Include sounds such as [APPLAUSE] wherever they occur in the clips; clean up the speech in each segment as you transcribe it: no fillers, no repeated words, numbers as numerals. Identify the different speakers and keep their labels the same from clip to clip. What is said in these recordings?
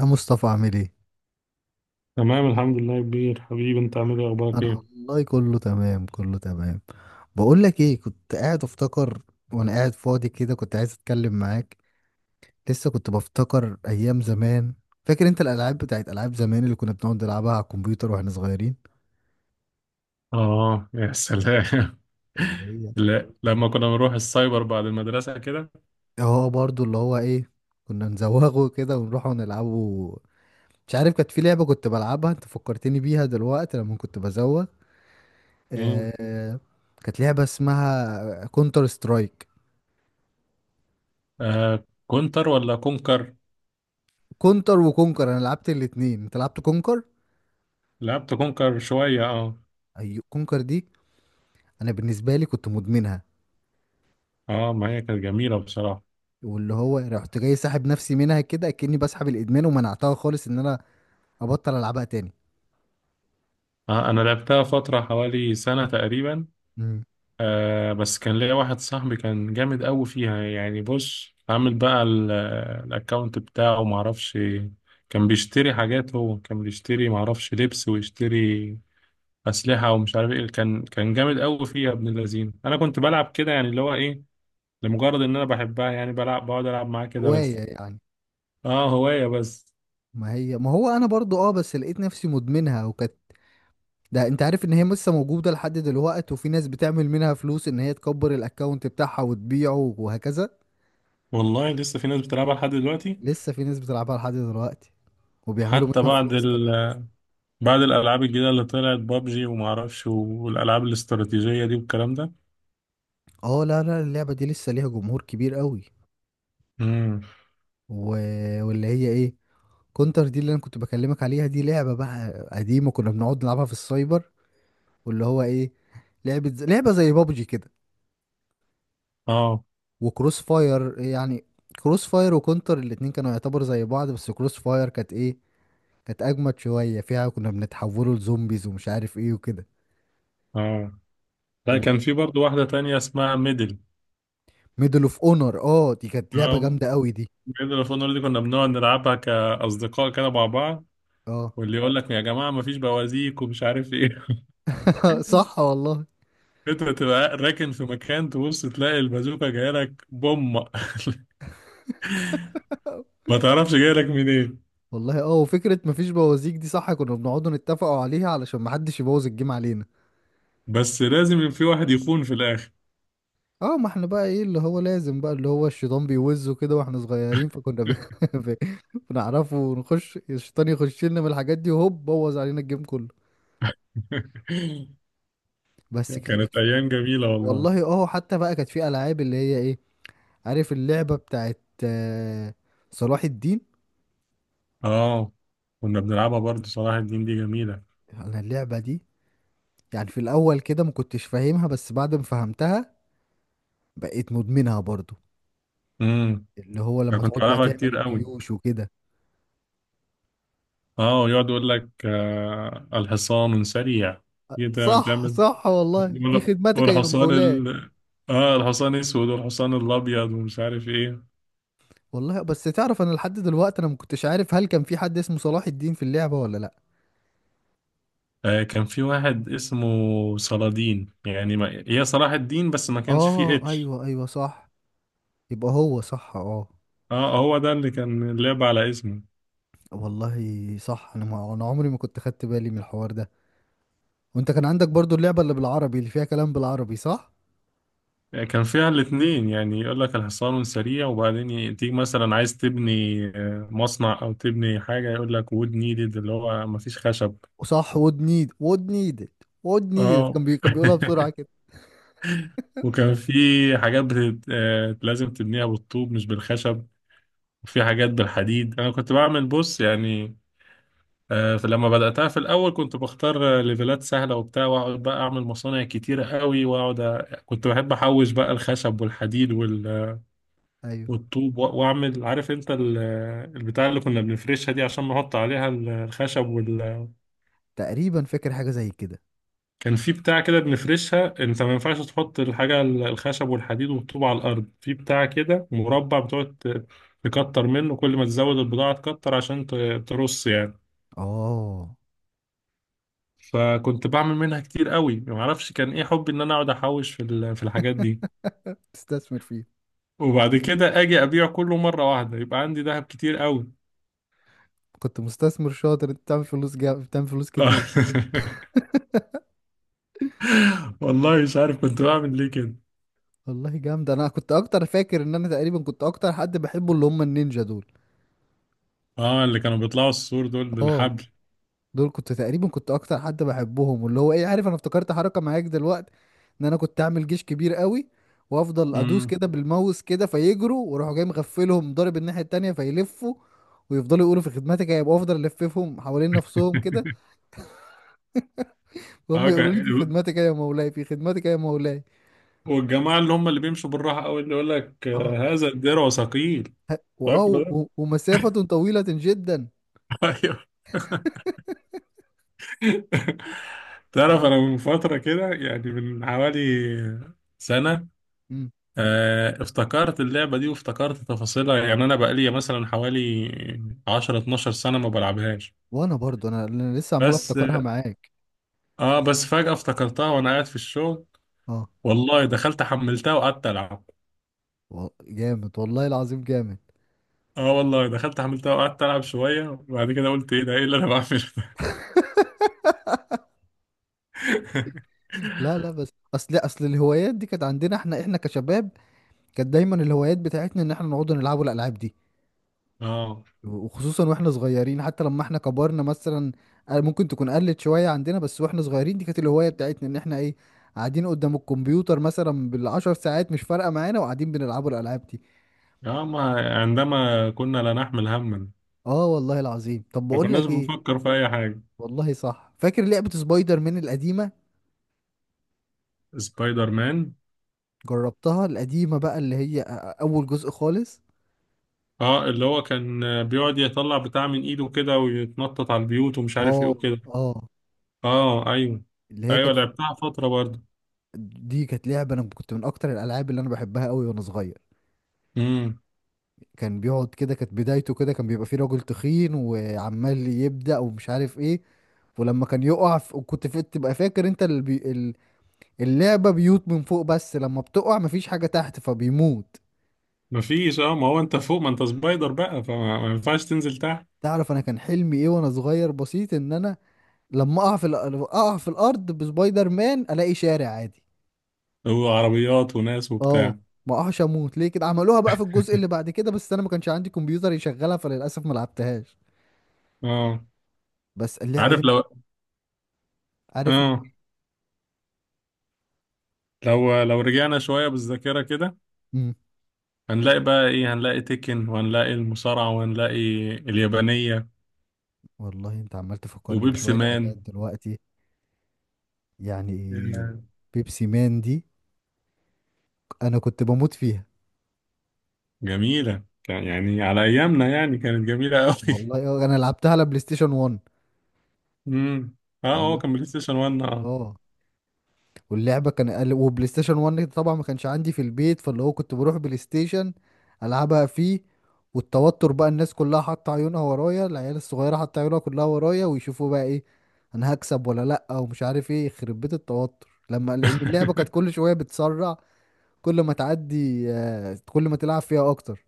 Speaker 1: يا مصطفى عامل ايه؟
Speaker 2: تمام الحمد لله يا كبير. حبيبي انت عامل ايه؟ اخبارك
Speaker 1: انا
Speaker 2: ايه؟
Speaker 1: والله كله تمام، كله تمام. بقول لك ايه، كنت قاعد افتكر وانا قاعد فاضي كده، كنت عايز اتكلم معاك. لسه كنت بفتكر ايام زمان. فاكر انت الالعاب بتاعت العاب زمان اللي كنا بنقعد نلعبها على الكمبيوتر واحنا صغيرين؟
Speaker 2: آه، يا سلام.
Speaker 1: اللي هي
Speaker 2: [LAUGHS] لا، لما كنا بنروح السايبر بعد المدرسة كده.
Speaker 1: اه، برضو اللي هو ايه، كنا نزوغه كده ونروح ونلعبه. مش عارف، كانت في لعبة كنت بلعبها، انت فكرتني بيها دلوقتي لما كنت بزوغ.
Speaker 2: مم.
Speaker 1: آه... كانت لعبة اسمها كونتر سترايك.
Speaker 2: آه، كونتر ولا كونكر؟
Speaker 1: كونتر وكونكر، انا لعبت الاتنين، انت لعبت كونكر.
Speaker 2: لعبت كونكر شوية، اه،
Speaker 1: ايوه، كونكر دي انا بالنسبه لي كنت مدمنها،
Speaker 2: اه، ما هي كانت جميلة بصراحة.
Speaker 1: واللي هو رحت جاي ساحب نفسي منها كده كأني بسحب الادمان، ومنعتها خالص ان انا ابطل العبها تاني.
Speaker 2: آه، أنا لعبتها فترة حوالي سنة تقريبا.
Speaker 1: امم
Speaker 2: بس كان ليا واحد صاحبي كان جامد أوي فيها، يعني بص، عامل بقى الأكاونت بتاعه معرفش. كان بيشتري حاجات، هو كان بيشتري معرفش لبس، ويشتري اسلحه ومش عارف ايه. كان جامد قوي فيه، يا ابن اللذين. انا كنت بلعب كده يعني، اللي هو ايه، لمجرد ان انا بحبها يعني، بلعب بقعد العب معاه كده
Speaker 1: هوايه
Speaker 2: بس.
Speaker 1: يعني.
Speaker 2: اه، هوايه بس.
Speaker 1: ما هو انا برضو اه، بس لقيت نفسي مدمنها وكانت، ده انت عارف ان هي لسه موجوده لحد دلوقت، وفي ناس بتعمل منها فلوس، ان هي تكبر الاكونت بتاعها وتبيعه وهكذا.
Speaker 2: والله لسه في ناس بتلعبها لحد دلوقتي.
Speaker 1: لسه في ناس بتلعبها لحد دلوقتي وبيعملوا
Speaker 2: حتى
Speaker 1: منها
Speaker 2: بعد
Speaker 1: فلوس كمان.
Speaker 2: بعد الالعاب الجديده اللي طلعت، بابجي وما اعرفش، والالعاب الاستراتيجيه دي والكلام ده.
Speaker 1: اه، لا لا، اللعبة دي لسه ليها جمهور كبير قوي.
Speaker 2: امم.
Speaker 1: و... واللي هي ايه، كونتر دي اللي انا كنت بكلمك عليها، دي لعبة بقى قديمة، كنا بنقعد نلعبها في السايبر. واللي هو ايه، لعبة زي بابجي كده،
Speaker 2: اه،
Speaker 1: وكروس فاير يعني. كروس فاير وكونتر الاتنين كانوا يعتبر زي بعض، بس كروس فاير كانت ايه، كانت اجمد شوية، فيها كنا بنتحولوا لزومبيز ومش عارف ايه وكده.
Speaker 2: اه، لا، كان
Speaker 1: وميدل
Speaker 2: في برضو واحده تانية اسمها ميدل.
Speaker 1: اوف اونر، اه دي كانت لعبة
Speaker 2: اه،
Speaker 1: جامدة قوي دي.
Speaker 2: ميدل اوف اونر دي كنا بنقعد نلعبها كاصدقاء كده مع بعض.
Speaker 1: اه.
Speaker 2: واللي يقول لك: يا جماعه مفيش بوازيك ومش عارف ايه.
Speaker 1: [LAUGHS]
Speaker 2: [LAUGHS]
Speaker 1: صح والله.
Speaker 2: انت تبقى راكن في مكان، تبص تلاقي البازوكا جايه لك بوم. [LAUGHS] ما تعرفش جايه لك منين.
Speaker 1: والله اه، وفكرة مفيش بوازيك دي، صح، كنا بنقعدوا نتفقوا عليها علشان محدش يبوظ الجيم علينا.
Speaker 2: بس لازم في واحد يخون في الاخر.
Speaker 1: اه، ما احنا بقى ايه، اللي هو لازم بقى، اللي هو الشيطان بيوزه كده واحنا صغيرين،
Speaker 2: [LAUGHS]
Speaker 1: [LAUGHS] ب... بنعرفه، ونخش الشيطان يخش لنا من الحاجات دي، وهوب، بوظ علينا الجيم كله. بس
Speaker 2: كانت
Speaker 1: كانت في،
Speaker 2: ايام جميله والله.
Speaker 1: والله اه، حتى بقى كانت في العاب اللي هي ايه، عارف اللعبة بتاعت صلاح الدين؟
Speaker 2: اه، كنا بنلعبها برضه. صلاح الدين دي جميله.
Speaker 1: انا اللعبة دي، يعني في الاول كده ما كنتش فاهمها، بس بعد ما فهمتها بقيت مدمنها برضو.
Speaker 2: امم.
Speaker 1: اللي هو
Speaker 2: انا
Speaker 1: لما
Speaker 2: كنت
Speaker 1: تقعد بقى
Speaker 2: بلعبها
Speaker 1: تعمل
Speaker 2: كتير قوي.
Speaker 1: الجيوش وكده،
Speaker 2: اه، يقعد يقول لك: آه الحصان سريع. دي تعمل
Speaker 1: صح
Speaker 2: تعمل-
Speaker 1: صح والله، في خدمتك يا
Speaker 2: والحصان
Speaker 1: مولاي.
Speaker 2: اه، الحصان اسود والحصان الابيض ومش عارف ايه.
Speaker 1: والله بس تعرف، انا لحد دلوقتي انا ما كنتش عارف هل كان في حد اسمه صلاح الدين في اللعبة ولا لا.
Speaker 2: آه، كان في واحد اسمه صلادين، يعني ما... هي صلاح الدين بس ما كانش فيه
Speaker 1: اه
Speaker 2: اتش.
Speaker 1: ايوه، صح. يبقى هو صح، اه.
Speaker 2: اه، هو ده اللي كان اللعب على اسمه.
Speaker 1: والله صح، انا عمري ما كنت خدت بالي من الحوار ده. وانت كان عندك برضو اللعبة اللي بالعربي، اللي فيها كلام بالعربي، صح.
Speaker 2: آه، كان فيها الاتنين، يعني يقول لك الحصان سريع، وبعدين تيجي مثلا عايز تبني مصنع او تبني حاجة، يقول لك: وود نيدد، اللي هو ما فيش خشب.
Speaker 1: وصح، ود نيدد. ود نيدد
Speaker 2: اه.
Speaker 1: كان كان بيقولها بسرعة كده.
Speaker 2: [LAUGHS] وكان في حاجات بتت... آه، لازم تبنيها بالطوب مش بالخشب. وفي حاجات بالحديد، انا كنت بعمل بص يعني. فلما بدأتها في الأول كنت بختار ليفلات سهلة وبتاع، وأقعد بقى أعمل مصانع كتيرة قوي، كنت بحب أحوش بقى الخشب والحديد
Speaker 1: ايوه،
Speaker 2: والطوب وأعمل، عارف أنت البتاع اللي كنا بنفرشها دي عشان نحط عليها الخشب
Speaker 1: تقريبا فاكر حاجة زي كده.
Speaker 2: كان في بتاع كده بنفرشها، أنت ما ينفعش تحط الحاجة الخشب والحديد والطوب على الأرض، في بتاع كده مربع بتقعد تكتر منه، كل ما تزود البضاعة تكتر، عشان ترص يعني.
Speaker 1: اه.
Speaker 2: فكنت بعمل منها كتير قوي، ما اعرفش كان ايه حبي ان انا اقعد احوش في الحاجات دي.
Speaker 1: [LAUGHS] تستثمر فيه.
Speaker 2: وبعد كده اجي ابيع كله مره واحده، يبقى عندي ذهب كتير قوي.
Speaker 1: كنت مستثمر شاطر انت، بتعمل فلوس كتير.
Speaker 2: [LAUGHS] والله مش عارف كنت بعمل ليه كده.
Speaker 1: والله جامد. انا كنت اكتر، فاكر ان انا تقريبا كنت اكتر حد بحبه اللي هم النينجا دول.
Speaker 2: اه، اللي كانوا بيطلعوا السور دول
Speaker 1: اه،
Speaker 2: بالحبل.
Speaker 1: دول كنت تقريبا كنت اكتر حد بحبهم، واللي هو ايه، عارف انا افتكرت حركة معاك دلوقتي، ان انا كنت اعمل جيش كبير قوي وافضل ادوس
Speaker 2: امم.
Speaker 1: كده بالماوس كده، فيجروا، واروح جاي مغفلهم ضارب الناحية التانية، فيلفوا، ويفضلوا يقولوا في خدمتك يا، يبقى افضل الففهم حوالين نفسهم كده،
Speaker 2: [LAUGHS]
Speaker 1: وهم
Speaker 2: اه.
Speaker 1: يقولوا لي في خدمتك يا مولاي، في خدمتك يا مولاي.
Speaker 2: والجماعه اللي هم اللي بيمشوا بالراحه قوي، اللي يقول لك:
Speaker 1: اه،
Speaker 2: آه، هذا الدرع ثقيل. فاكره ده.
Speaker 1: ومسافة طويلة جدا.
Speaker 2: [LAUGHS] ايوه. تعرف،
Speaker 1: الله.
Speaker 2: انا من فتره كده يعني من حوالي سنه، افتكرت اللعبة دي وافتكرت تفاصيلها، يعني أنا بقالي مثلا حوالي 10 12 سنة ما بلعبهاش.
Speaker 1: وانا برضو أنا لسه عمال
Speaker 2: بس
Speaker 1: افتكرها معاك.
Speaker 2: بس فجأة افتكرتها وأنا قاعد في الشغل.
Speaker 1: اه،
Speaker 2: والله دخلت حملتها وقعدت ألعب.
Speaker 1: جامد والله العظيم، جامد.
Speaker 2: آه، والله دخلت حملتها وقعدت ألعب شوية، وبعد كده قلت: إيه ده؟ إيه اللي أنا بعمله ده؟ [LAUGHS]
Speaker 1: لا لا، بس اصل، الهوايات دي كانت عندنا احنا، احنا كشباب كانت دايما الهوايات بتاعتنا ان احنا نقعد نلعبوا الالعاب دي.
Speaker 2: آه،
Speaker 1: وخصوصا واحنا صغيرين، حتى لما احنا كبرنا مثلا ممكن تكون قلت شويه عندنا، بس واحنا صغيرين دي كانت الهوايه بتاعتنا، ان احنا ايه، قاعدين قدام الكمبيوتر مثلا بالعشر ساعات مش فارقه معانا، وقاعدين بنلعبوا الالعاب دي.
Speaker 2: آه، ما عندما كنا لا نحمل هما،
Speaker 1: اه والله العظيم. طب
Speaker 2: ما
Speaker 1: بقول
Speaker 2: كناش
Speaker 1: لك ايه،
Speaker 2: بنفكر في أي حاجة.
Speaker 1: والله صح، فاكر لعبه سبايدر مان القديمه؟
Speaker 2: سبايدر مان.
Speaker 1: جربتها القديمة بقى، اللي هي أول جزء خالص.
Speaker 2: اه، اللي هو كان بيقعد يطلع بتاع من ايده كده ويتنطط على البيوت ومش عارف ايه
Speaker 1: اه.
Speaker 2: وكده.
Speaker 1: اه،
Speaker 2: اه، ايوه،
Speaker 1: اللي هي
Speaker 2: ايوه.
Speaker 1: كانت،
Speaker 2: لعبتها فترة برضه.
Speaker 1: دي كانت لعبة أنا كنت من أكتر الألعاب اللي أنا بحبها أوي وأنا صغير.
Speaker 2: امم.
Speaker 1: كان بيقعد كده، كانت بدايته كده، كان بيبقى فيه راجل تخين وعمال يبدأ ومش عارف إيه. ولما كان يقع ف... وكنت في... تبقى فاكر أنت اللعبة بيوت من فوق، بس لما بتقع مفيش حاجة تحت فبيموت.
Speaker 2: مفيش، اه. ما هو انت فوق، ما انت سبايدر بقى، ما ينفعش تنزل تحت.
Speaker 1: تعرف أنا كان حلمي إيه وأنا صغير بسيط، إن أنا لما أقع في أقع في الأرض بسبايدر مان، ألاقي شارع عادي.
Speaker 2: وعربيات وناس
Speaker 1: اه،
Speaker 2: وبتاع.
Speaker 1: ما اقعش اموت ليه كده؟ عملوها بقى في الجزء اللي بعد كده، بس انا ما كانش عندي كمبيوتر يشغلها، فللاسف ما لعبتهاش.
Speaker 2: اه،
Speaker 1: بس اللعبه
Speaker 2: عارف،
Speaker 1: دي،
Speaker 2: لو.
Speaker 1: عارف.
Speaker 2: اه، لو رجعنا شوية بالذاكرة كده،
Speaker 1: امم
Speaker 2: هنلاقي بقى ايه؟ هنلاقي تيكن، وهنلاقي المصارعة، وهنلاقي اليابانية،
Speaker 1: والله انت عمال تفكرني
Speaker 2: وبيبسي
Speaker 1: بشويه حاجات
Speaker 2: مان.
Speaker 1: دلوقتي يعني.
Speaker 2: آه،
Speaker 1: بيبسي مان دي انا كنت بموت فيها.
Speaker 2: جميلة، يعني على ايامنا يعني كانت جميلة قوي.
Speaker 1: والله انا لعبتها على بلاي ستيشن 1.
Speaker 2: [LAUGHS] امم. اه، هو
Speaker 1: ال-
Speaker 2: كان بلاي ستيشن 1، اه.
Speaker 1: اه واللعبه كان وبلاي ستيشن 1 طبعا ما كانش عندي في البيت، فاللي هو كنت بروح بلاي ستيشن العبها فيه. والتوتر بقى، الناس كلها حاطه عيونها ورايا، العيال الصغيره حاطه عيونها كلها ورايا، ويشوفوا بقى ايه، انا هكسب ولا لا، ومش عارف ايه، يخرب بيت التوتر لما، لان اللعبه كانت
Speaker 2: [LAUGHS]
Speaker 1: كل شويه بتسرع، كل ما تعدي، كل ما تلعب فيها اكتر.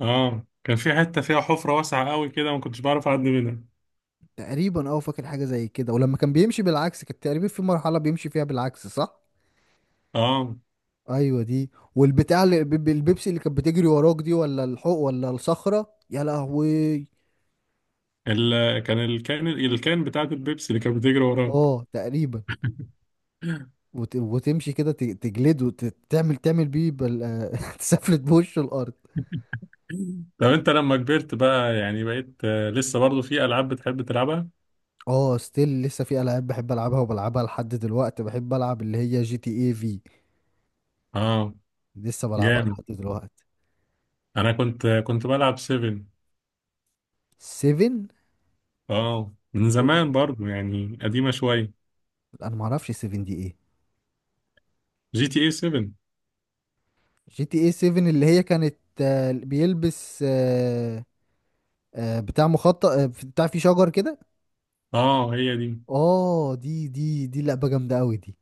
Speaker 2: اه، كان في حتة فيها حفرة واسعة قوي كده، ما كنتش بعرف اعدي منها.
Speaker 1: تقريبا اه، فاكر حاجه زي كده. ولما كان بيمشي بالعكس، كانت تقريبا في مرحله بيمشي فيها بالعكس صح.
Speaker 2: اه،
Speaker 1: ايوه دي، والبتاع البيبسي اللي كانت بتجري وراك دي، ولا الحوق، ولا الصخرة، يا لهوي.
Speaker 2: كان الكان بتاعت البيبسي اللي كانت بتجري وراك.
Speaker 1: اه تقريبا.
Speaker 2: [LAUGHS]
Speaker 1: وتمشي كده، تجلده، تعمل بيه [LAUGHS] تسفلت بوش الارض.
Speaker 2: طب انت لما كبرت بقى، يعني بقيت لسه برضو في العاب بتحب تلعبها؟
Speaker 1: اه ستيل، لسه في العاب بحب العبها وبلعبها لحد دلوقتي، بحب العب اللي هي جي تي اي في.
Speaker 2: اه،
Speaker 1: لسه بلعبها
Speaker 2: جامد.
Speaker 1: لحد دلوقتي.
Speaker 2: انا كنت بلعب 7.
Speaker 1: 7.
Speaker 2: اه، من زمان برضو يعني، قديمة شوية.
Speaker 1: انا ما اعرفش 7 دي ايه.
Speaker 2: جي تي اي 7.
Speaker 1: جي تي اي 7، اللي هي كانت، بيلبس، بتاع مخطط، بتاع فيه شجر كده.
Speaker 2: اه، هي دي.
Speaker 1: اه دي، دي لعبة جامدة قوي دي.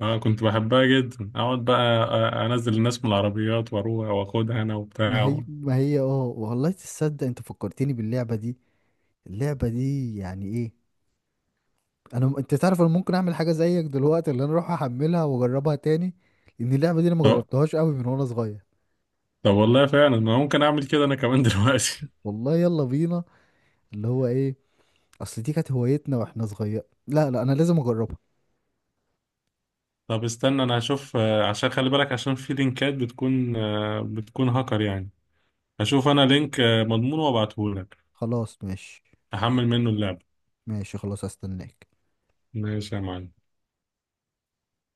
Speaker 2: اه، كنت بحبها جدا. اقعد بقى انزل الناس من العربيات واروح واخدها انا
Speaker 1: ما
Speaker 2: وبتاع.
Speaker 1: هي ما هي اه والله، تصدق انت فكرتني باللعبة دي. اللعبة دي يعني ايه، انت تعرف انا ممكن اعمل حاجة زيك دلوقتي، اللي انا اروح احملها واجربها تاني. لان اللعبة دي انا ما جربتهاش قوي من وانا صغير.
Speaker 2: طب والله فعلا انا ممكن اعمل كده انا كمان. [LAUGHS] دلوقتي.
Speaker 1: والله يلا بينا. اللي هو ايه، اصل دي كانت هوايتنا واحنا صغير، لا لا انا لازم اجربها.
Speaker 2: طب استنى، انا هشوف عشان خلي بالك، عشان في لينكات بتكون هاكر يعني. هشوف انا لينك مضمون وابعته لك.
Speaker 1: خلاص ماشي.
Speaker 2: احمل منه اللعبة.
Speaker 1: ماشي خلاص، هستناك.
Speaker 2: ماشي يا معلم.